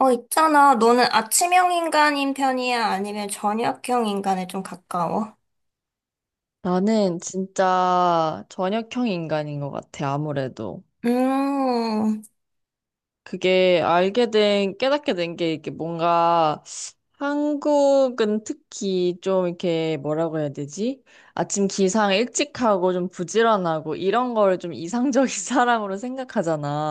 있잖아. 너는 아침형 인간인 편이야? 아니면 저녁형 인간에 좀 가까워? 나는 진짜 저녁형 인간인 것 같아, 아무래도. 음. 그게 깨닫게 된 게 이게 뭔가 한국은 특히 좀 이렇게 뭐라고 해야 되지? 아침 기상 일찍 하고 좀 부지런하고 이런 걸 좀 이상적인 사람으로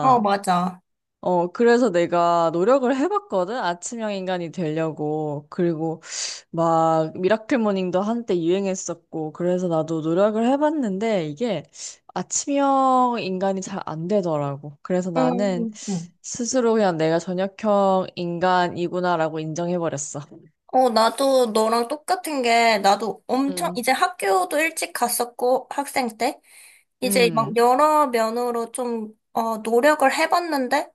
어, 맞아. 어, 그래서 내가 노력을 해봤거든? 아침형 인간이 되려고. 그리고 막 미라클 모닝도 한때 유행했었고 그래서 나도 노력을 해봤는데 이게 아침형 인간이 잘 안 되더라고. 그래서 나는 음, 음. 스스로 그냥 내가 저녁형 인간이구나라고 인정해버렸어. 나도 너랑 똑같은 게, 나도 엄청, 음, 이제 학교도 일찍 갔었고, 학생 때. 이제 막 음, 여러 면으로 좀, 노력을 해봤는데,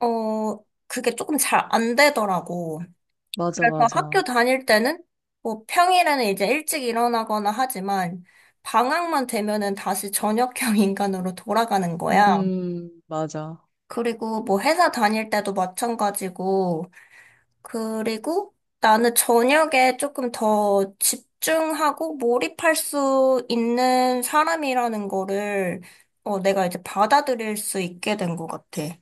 그게 조금 잘 안 되더라고. 맞아, 그래서 학교 맞아. 다닐 때는 뭐 평일에는 이제 일찍 일어나거나 하지만 방학만 되면은 다시 저녁형 인간으로 돌아가는 거야. 맞아. 그리고 뭐 회사 다닐 때도 마찬가지고 그리고 나는 저녁에 조금 더 집중하고 몰입할 수 있는 사람이라는 거를 내가 이제 받아들일 수 있게 된 것 같아.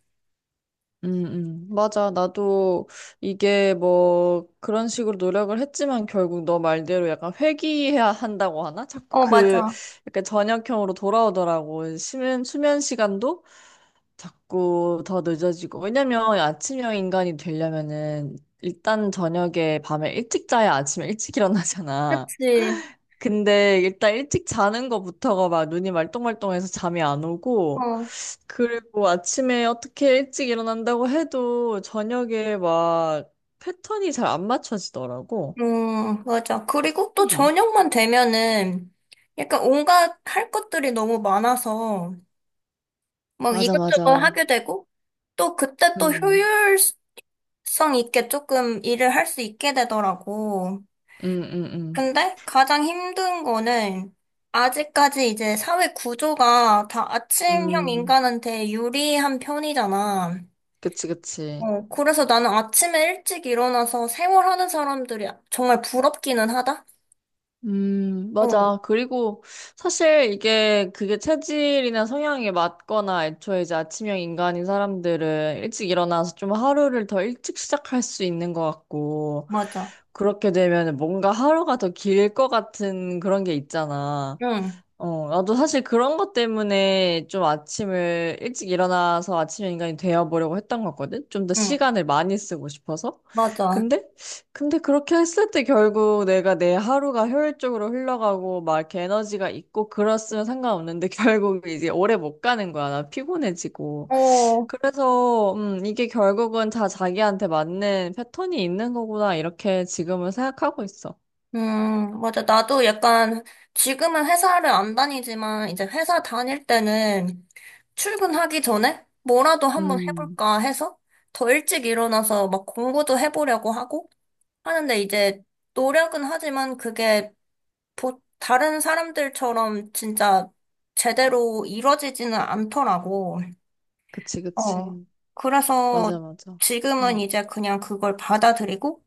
맞아. 나도 이게 뭐 그런 식으로 노력을 했지만 결국 너 말대로 약간 회귀해야 한다고 하나? 자꾸 어, 그 맞아. 약간 저녁형으로 돌아오더라고. 수면 시간도 자꾸 더 늦어지고. 왜냐면 아침형 인간이 되려면은 일단 저녁에 밤에 일찍 자야 아침에 일찍 일어나잖아. 그치. 근데 일단 일찍 자는 거부터가 막 눈이 말똥말똥해서 잠이 안 오고, 어. 그리고 아침에 어떻게 일찍 일어난다고 해도 저녁에 막 패턴이 잘 안 맞춰지더라고. 맞아. 그리고 또 음. 저녁만 되면은 약간 온갖 할 것들이 너무 많아서 막 맞아, 이것저것 맞아. 하게 되고 또 그때 또 음, 효율성 있게 조금 일을 할 수 있게 되더라고. 음, 음, 음. 근데 가장 힘든 거는 아직까지 이제 사회 구조가 다 아침형 음, 인간한테 유리한 편이잖아. 그치, 그치. 그래서 나는 아침에 일찍 일어나서 생활하는 사람들이 정말 부럽기는 하다? 어, 맞아. 그리고 사실 이게 그게 체질이나 성향이 맞거나 애초에 이제 아침형 인간인 사람들은 일찍 일어나서 좀 하루를 더 일찍 시작할 수 있는 것 같고, 맞아. 그렇게 되면 뭔가 하루가 더 길 것 같은 그런 게 있잖아. 응, 어, 나도 사실 그런 것 때문에 좀 아침을 일찍 일어나서 아침 인간이 되어보려고 했던 거거든? 좀 더 응, 시간을 많이 쓰고 싶어서. 맞아. 근데, 근데 그렇게 했을 때 결국 내가 내 하루가 효율적으로 흘러가고 막 이렇게 에너지가 있고 그랬으면 상관없는데 결국 이제 오래 못 가는 거야. 나 피곤해지고. 어, 그래서, 이게 결국은 다 자기한테 맞는 패턴이 있는 거구나. 이렇게 지금은 생각하고 있어. 맞아. 나도 약간, 지금은 회사를 안 다니지만, 이제 회사 다닐 때는 출근하기 전에 뭐라도 한번 음, 해볼까 해서 더 일찍 일어나서 막 공부도 해보려고 하고 하는데 이제 노력은 하지만 그게 다른 사람들처럼 진짜 제대로 이뤄지지는 않더라고. 그치, 어. 그치. 그래서 맞아, 맞아. 지금은 음. 이제 그냥 그걸 받아들이고,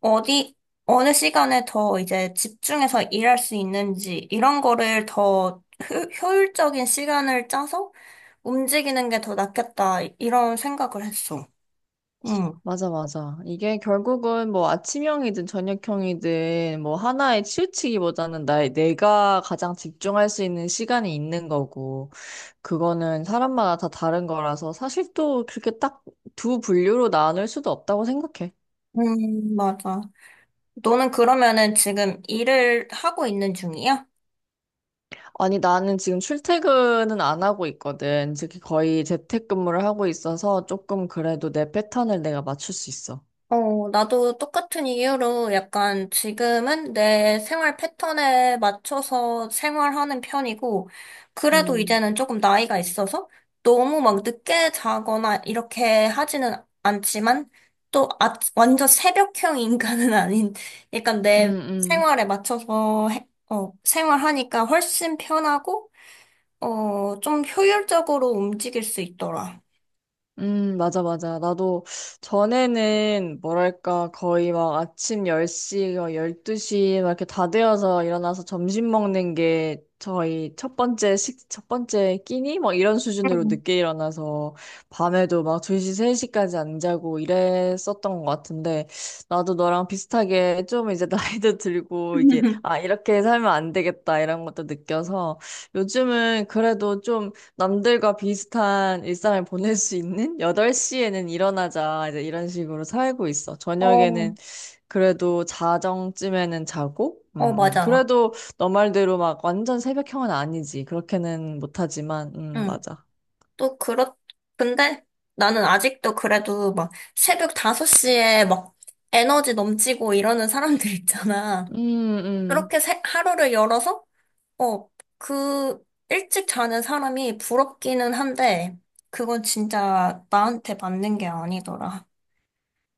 어디, 어느 시간에 더 이제 집중해서 일할 수 있는지, 이런 거를 더 효율적인 시간을 짜서 움직이는 게 더 낫겠다, 이런 생각을 했어. 응. 맞아, 맞아. 이게 결국은 뭐 아침형이든 저녁형이든 뭐 하나에 치우치기보다는 나의 내가 가장 집중할 수 있는 시간이 있는 거고, 그거는 사람마다 다 다른 거라서 사실 또 그렇게 딱 두 분류로 나눌 수도 없다고 생각해. 맞아. 너는 그러면은 지금 일을 하고 있는 중이야? 아니, 나는 지금 출퇴근은 안 하고 있거든. 즉, 거의 재택근무를 하고 있어서 조금 그래도 내 패턴을 내가 맞출 수 있어. 나도 똑같은 이유로 약간 지금은 내 생활 패턴에 맞춰서 생활하는 편이고, 그래도 음, 이제는 조금 나이가 있어서 너무 막 늦게 자거나 이렇게 하지는 않지만, 또 완전 새벽형 인간은 아닌, 약간 음, 내 음. 생활에 맞춰서 생활하니까 훨씬 편하고, 좀 효율적으로 움직일 수 있더라. 맞아, 맞아. 나도 전에는 뭐랄까, 거의 막 아침 10시, 12시 막 이렇게 다 되어서 일어나서 점심 먹는 게 저희 첫 번째 끼니? 막 이런 수준으로 음. 늦게 일어나서 밤에도 막 2시, 3시까지 안 자고 이랬었던 것 같은데 나도 너랑 비슷하게 좀 이제 나이도 들고 이게 아, 이렇게 살면 안 되겠다 이런 것도 느껴서 요즘은 그래도 좀 남들과 비슷한 일상을 보낼 수 있는 8시에는 일어나자 이제 이런 식으로 살고 있어. 어, 저녁에는 그래도 자정쯤에는 자고, 어, 맞아. 그래도 너 말대로 막 완전 새벽형은 아니지. 그렇게는 못하지만, 응. 맞아. 또 근데 나는 아직도 그래도 막 새벽 5시에 막 에너지 넘치고 이러는 사람들 있잖아. 음, 음, 그렇게 하루를 열어서, 어, 그 일찍 자는 사람이 부럽기는 한데, 그건 진짜 나한테 맞는 게 아니더라.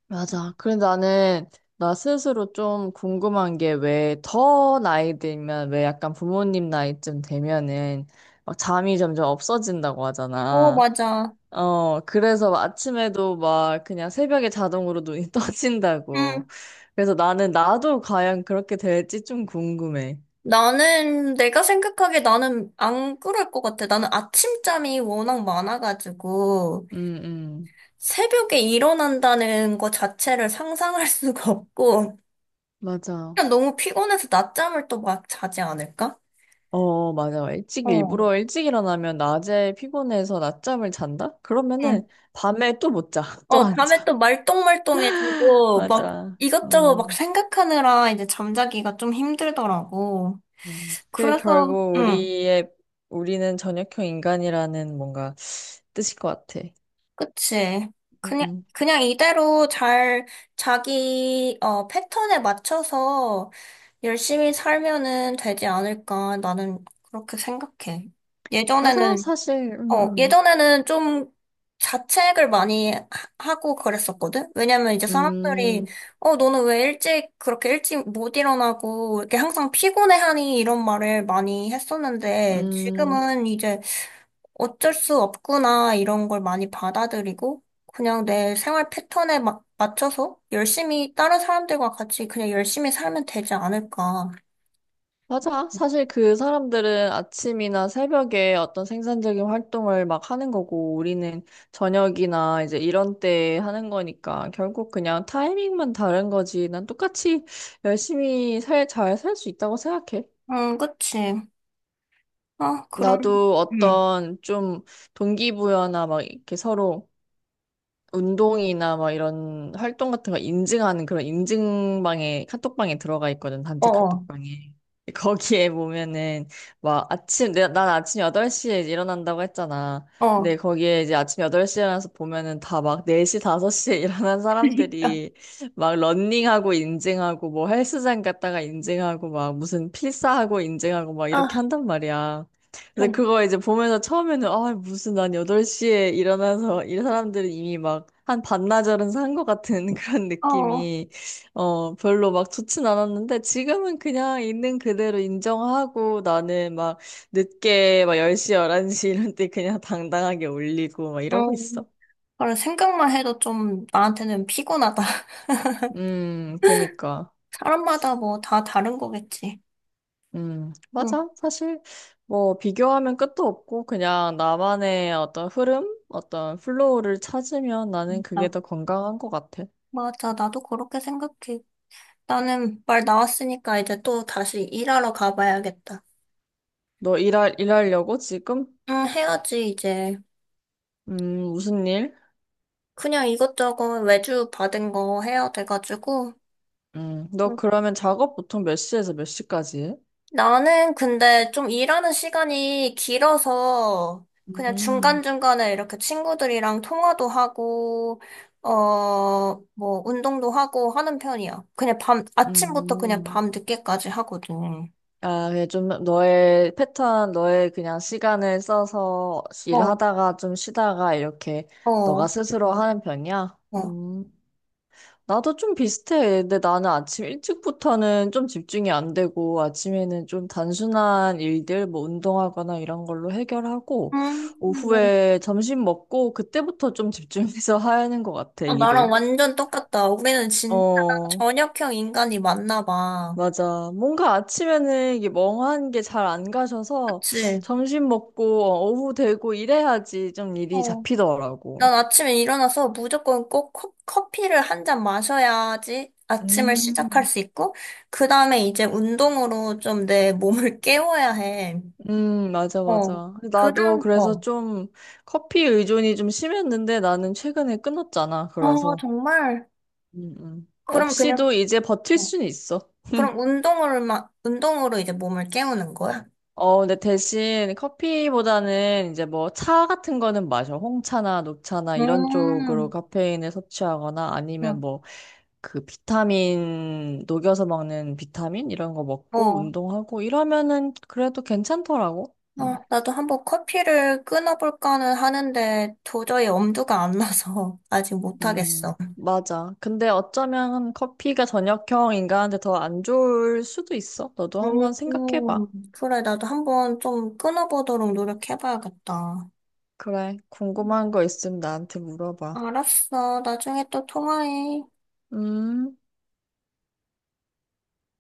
맞아. 그래 나는 나 스스로 좀 궁금한 게 왜 약간 부모님 나이쯤 되면은 막 잠이 점점 없어진다고 어, 하잖아. 맞아. 어, 그래서 아침에도 막 그냥 새벽에 자동으로 눈이 응. 떠진다고. 그래서 나는 나도 과연 그렇게 될지 좀 궁금해. 나는, 내가 생각하기에 나는 안 그럴 것 같아. 나는 아침잠이 워낙 많아가지고, 음, 음. 새벽에 일어난다는 것 자체를 상상할 수가 없고, 맞아. 그냥 너무 피곤해서 낮잠을 또 막 자지 않을까? 어, 맞아. 어. 일부러 일찍 일어나면 낮에 피곤해서 낮잠을 잔다? 그러면은 응. 밤에 또 못 자. 또 안 밤에 자. 또 말똥말똥해지고, 막 맞아. 이것저것 막 음, 생각하느라 이제 잠자기가 좀 힘들더라고. 그게 그래서, 결국 응, 우리는 저녁형 인간이라는 뭔가 뜻일 것 같아. 그치. 그냥, 음. 그냥 이대로 잘 자기, 패턴에 맞춰서 열심히 살면은 되지 않을까. 나는 그렇게 생각해. 맞아. 예전에는 사실, 예전에는 좀 자책을 많이 하고 그랬었거든? 왜냐면 이제 사람들이, 음. 너는 왜 일찍, 그렇게 일찍 못 일어나고, 이렇게 항상 피곤해하니? 이런 말을 많이 했었는데, 음, 지금은 이제 어쩔 수 없구나, 이런 걸 많이 받아들이고, 그냥 내 생활 패턴에 맞춰서 열심히, 다른 사람들과 같이 그냥 열심히 살면 되지 않을까. 맞아. 사실 그 사람들은 아침이나 새벽에 어떤 생산적인 활동을 막 하는 거고, 우리는 저녁이나 이제 이런 때 하는 거니까, 결국 그냥 타이밍만 다른 거지. 난 똑같이 잘 살 수 있다고 생각해. 응, 그치. 아, 그럼, 나도 응, 어떤 좀 동기부여나 막 이렇게 서로 운동이나 막 이런 활동 같은 거 인증하는 그런 인증방에 카톡방에 들어가 있거든. 단체 어어, 카톡방에 거기에 보면은 막 아침 내가 난 아침 8시에 일어난다고 했잖아. 어. 근데 거기에 이제 아침 8시에 일어나서 보면은 다 막 4시 5시에 일어난 그러니까. 사람들이 막 런닝하고 인증하고 뭐 헬스장 갔다가 인증하고 막 무슨 필사하고 인증하고 막 아, 이렇게 한단 말이야. 근데 좀 그거 이제 보면서 처음에는 아 무슨 난 8시에 일어나서 이 사람들은 이미 막 한 반나절은 산 것 같은 그런 어, 느낌이 별로 막 좋진 않았는데 지금은 그냥 있는 그대로 인정하고 나는 막 늦게 막 10시, 11시 이런 때 그냥 당당하게 올리고 막 이러고 음, 있어. 그래, 생각만 해도 좀 나한테는 피곤하다. 그니까. 사람마다 뭐 다 다른 거겠지. 응, 맞아. 사실, 뭐, 비교하면 끝도 없고, 그냥 나만의 어떤 흐름, 어떤 플로우를 찾으면 나는 그게 아, 더 건강한 것 같아. 맞아. 나도 그렇게 생각해. 나는 말 나왔으니까 이제 또 다시 일하러 가봐야겠다. 너 일하려고 지금? 응, 해야지, 이제. 무슨 일? 그냥 이것저것 외주 받은 거 해야 돼가지고. 너 응. 그러면 작업 보통 몇 시에서 몇 시까지 해? 나는 근데 좀 일하는 시간이 길어서 그냥 음, 중간중간에 이렇게 친구들이랑 통화도 하고, 어, 뭐, 운동도 하고 하는 편이야. 그냥 밤, 아침부터 그냥 음. 밤 늦게까지 하거든. 아, 그냥 좀 너의 패턴, 너의 그냥 시간을 써서 어, 일하다가 좀 쉬다가 이렇게 어, 어. 너가 스스로 하는 편이야? 음. 나도 좀 비슷해. 근데 나는 아침 일찍부터는 좀 집중이 안 되고, 아침에는 좀 단순한 일들, 뭐 운동하거나 이런 걸로 해결하고, 음, 오후에 점심 먹고, 그때부터 좀 집중해서 하는 것 같아, 아, 나랑 일을. 완전 똑같다. 우리는 진짜 어, 저녁형 인간이 맞나 봐. 맞아. 뭔가 아침에는 이게 멍한 게 잘 안 가셔서, 그치? 점심 먹고, 오후 되고 이래야지 좀 일이 어. 잡히더라고. 난 아침에 일어나서 무조건 꼭 커피를 한 잔 마셔야지 아침을 시작할 음. 수 있고, 그 다음에 이제 운동으로 좀 내 몸을 깨워야 해. 맞아, 어. 맞아. 그 나도 다음, 그래서 어. 좀 커피 의존이 좀 심했는데 나는 최근에 끊었잖아. 어, 그래서. 정말. 그럼 그냥, 없이도 이제 버틸 어. 수는 있어. 그럼 운동으로 이제 몸을 깨우는 거야? 어, 근데 대신 커피보다는 이제 뭐 차 같은 거는 마셔. 홍차나 녹차나 이런 쪽으로 음, 카페인을 섭취하거나 아니면 응, 뭐 그 비타민 녹여서 먹는 비타민 이런 거 먹고 어. 운동하고 이러면은 그래도 괜찮더라고. 응. 나도 한번 커피를 끊어볼까는 하는데 도저히 엄두가 안 나서 아직 못하겠어. 맞아. 근데 어쩌면 커피가 저녁형 인간한테 더 안 좋을 수도 있어. 너도 한번 음, 생각해봐. 그래, 나도 한번 좀 끊어보도록 노력해봐야겠다. 그래, 궁금한 거 있으면 나한테 물어봐. 알았어. 나중에 또 통화해. 음.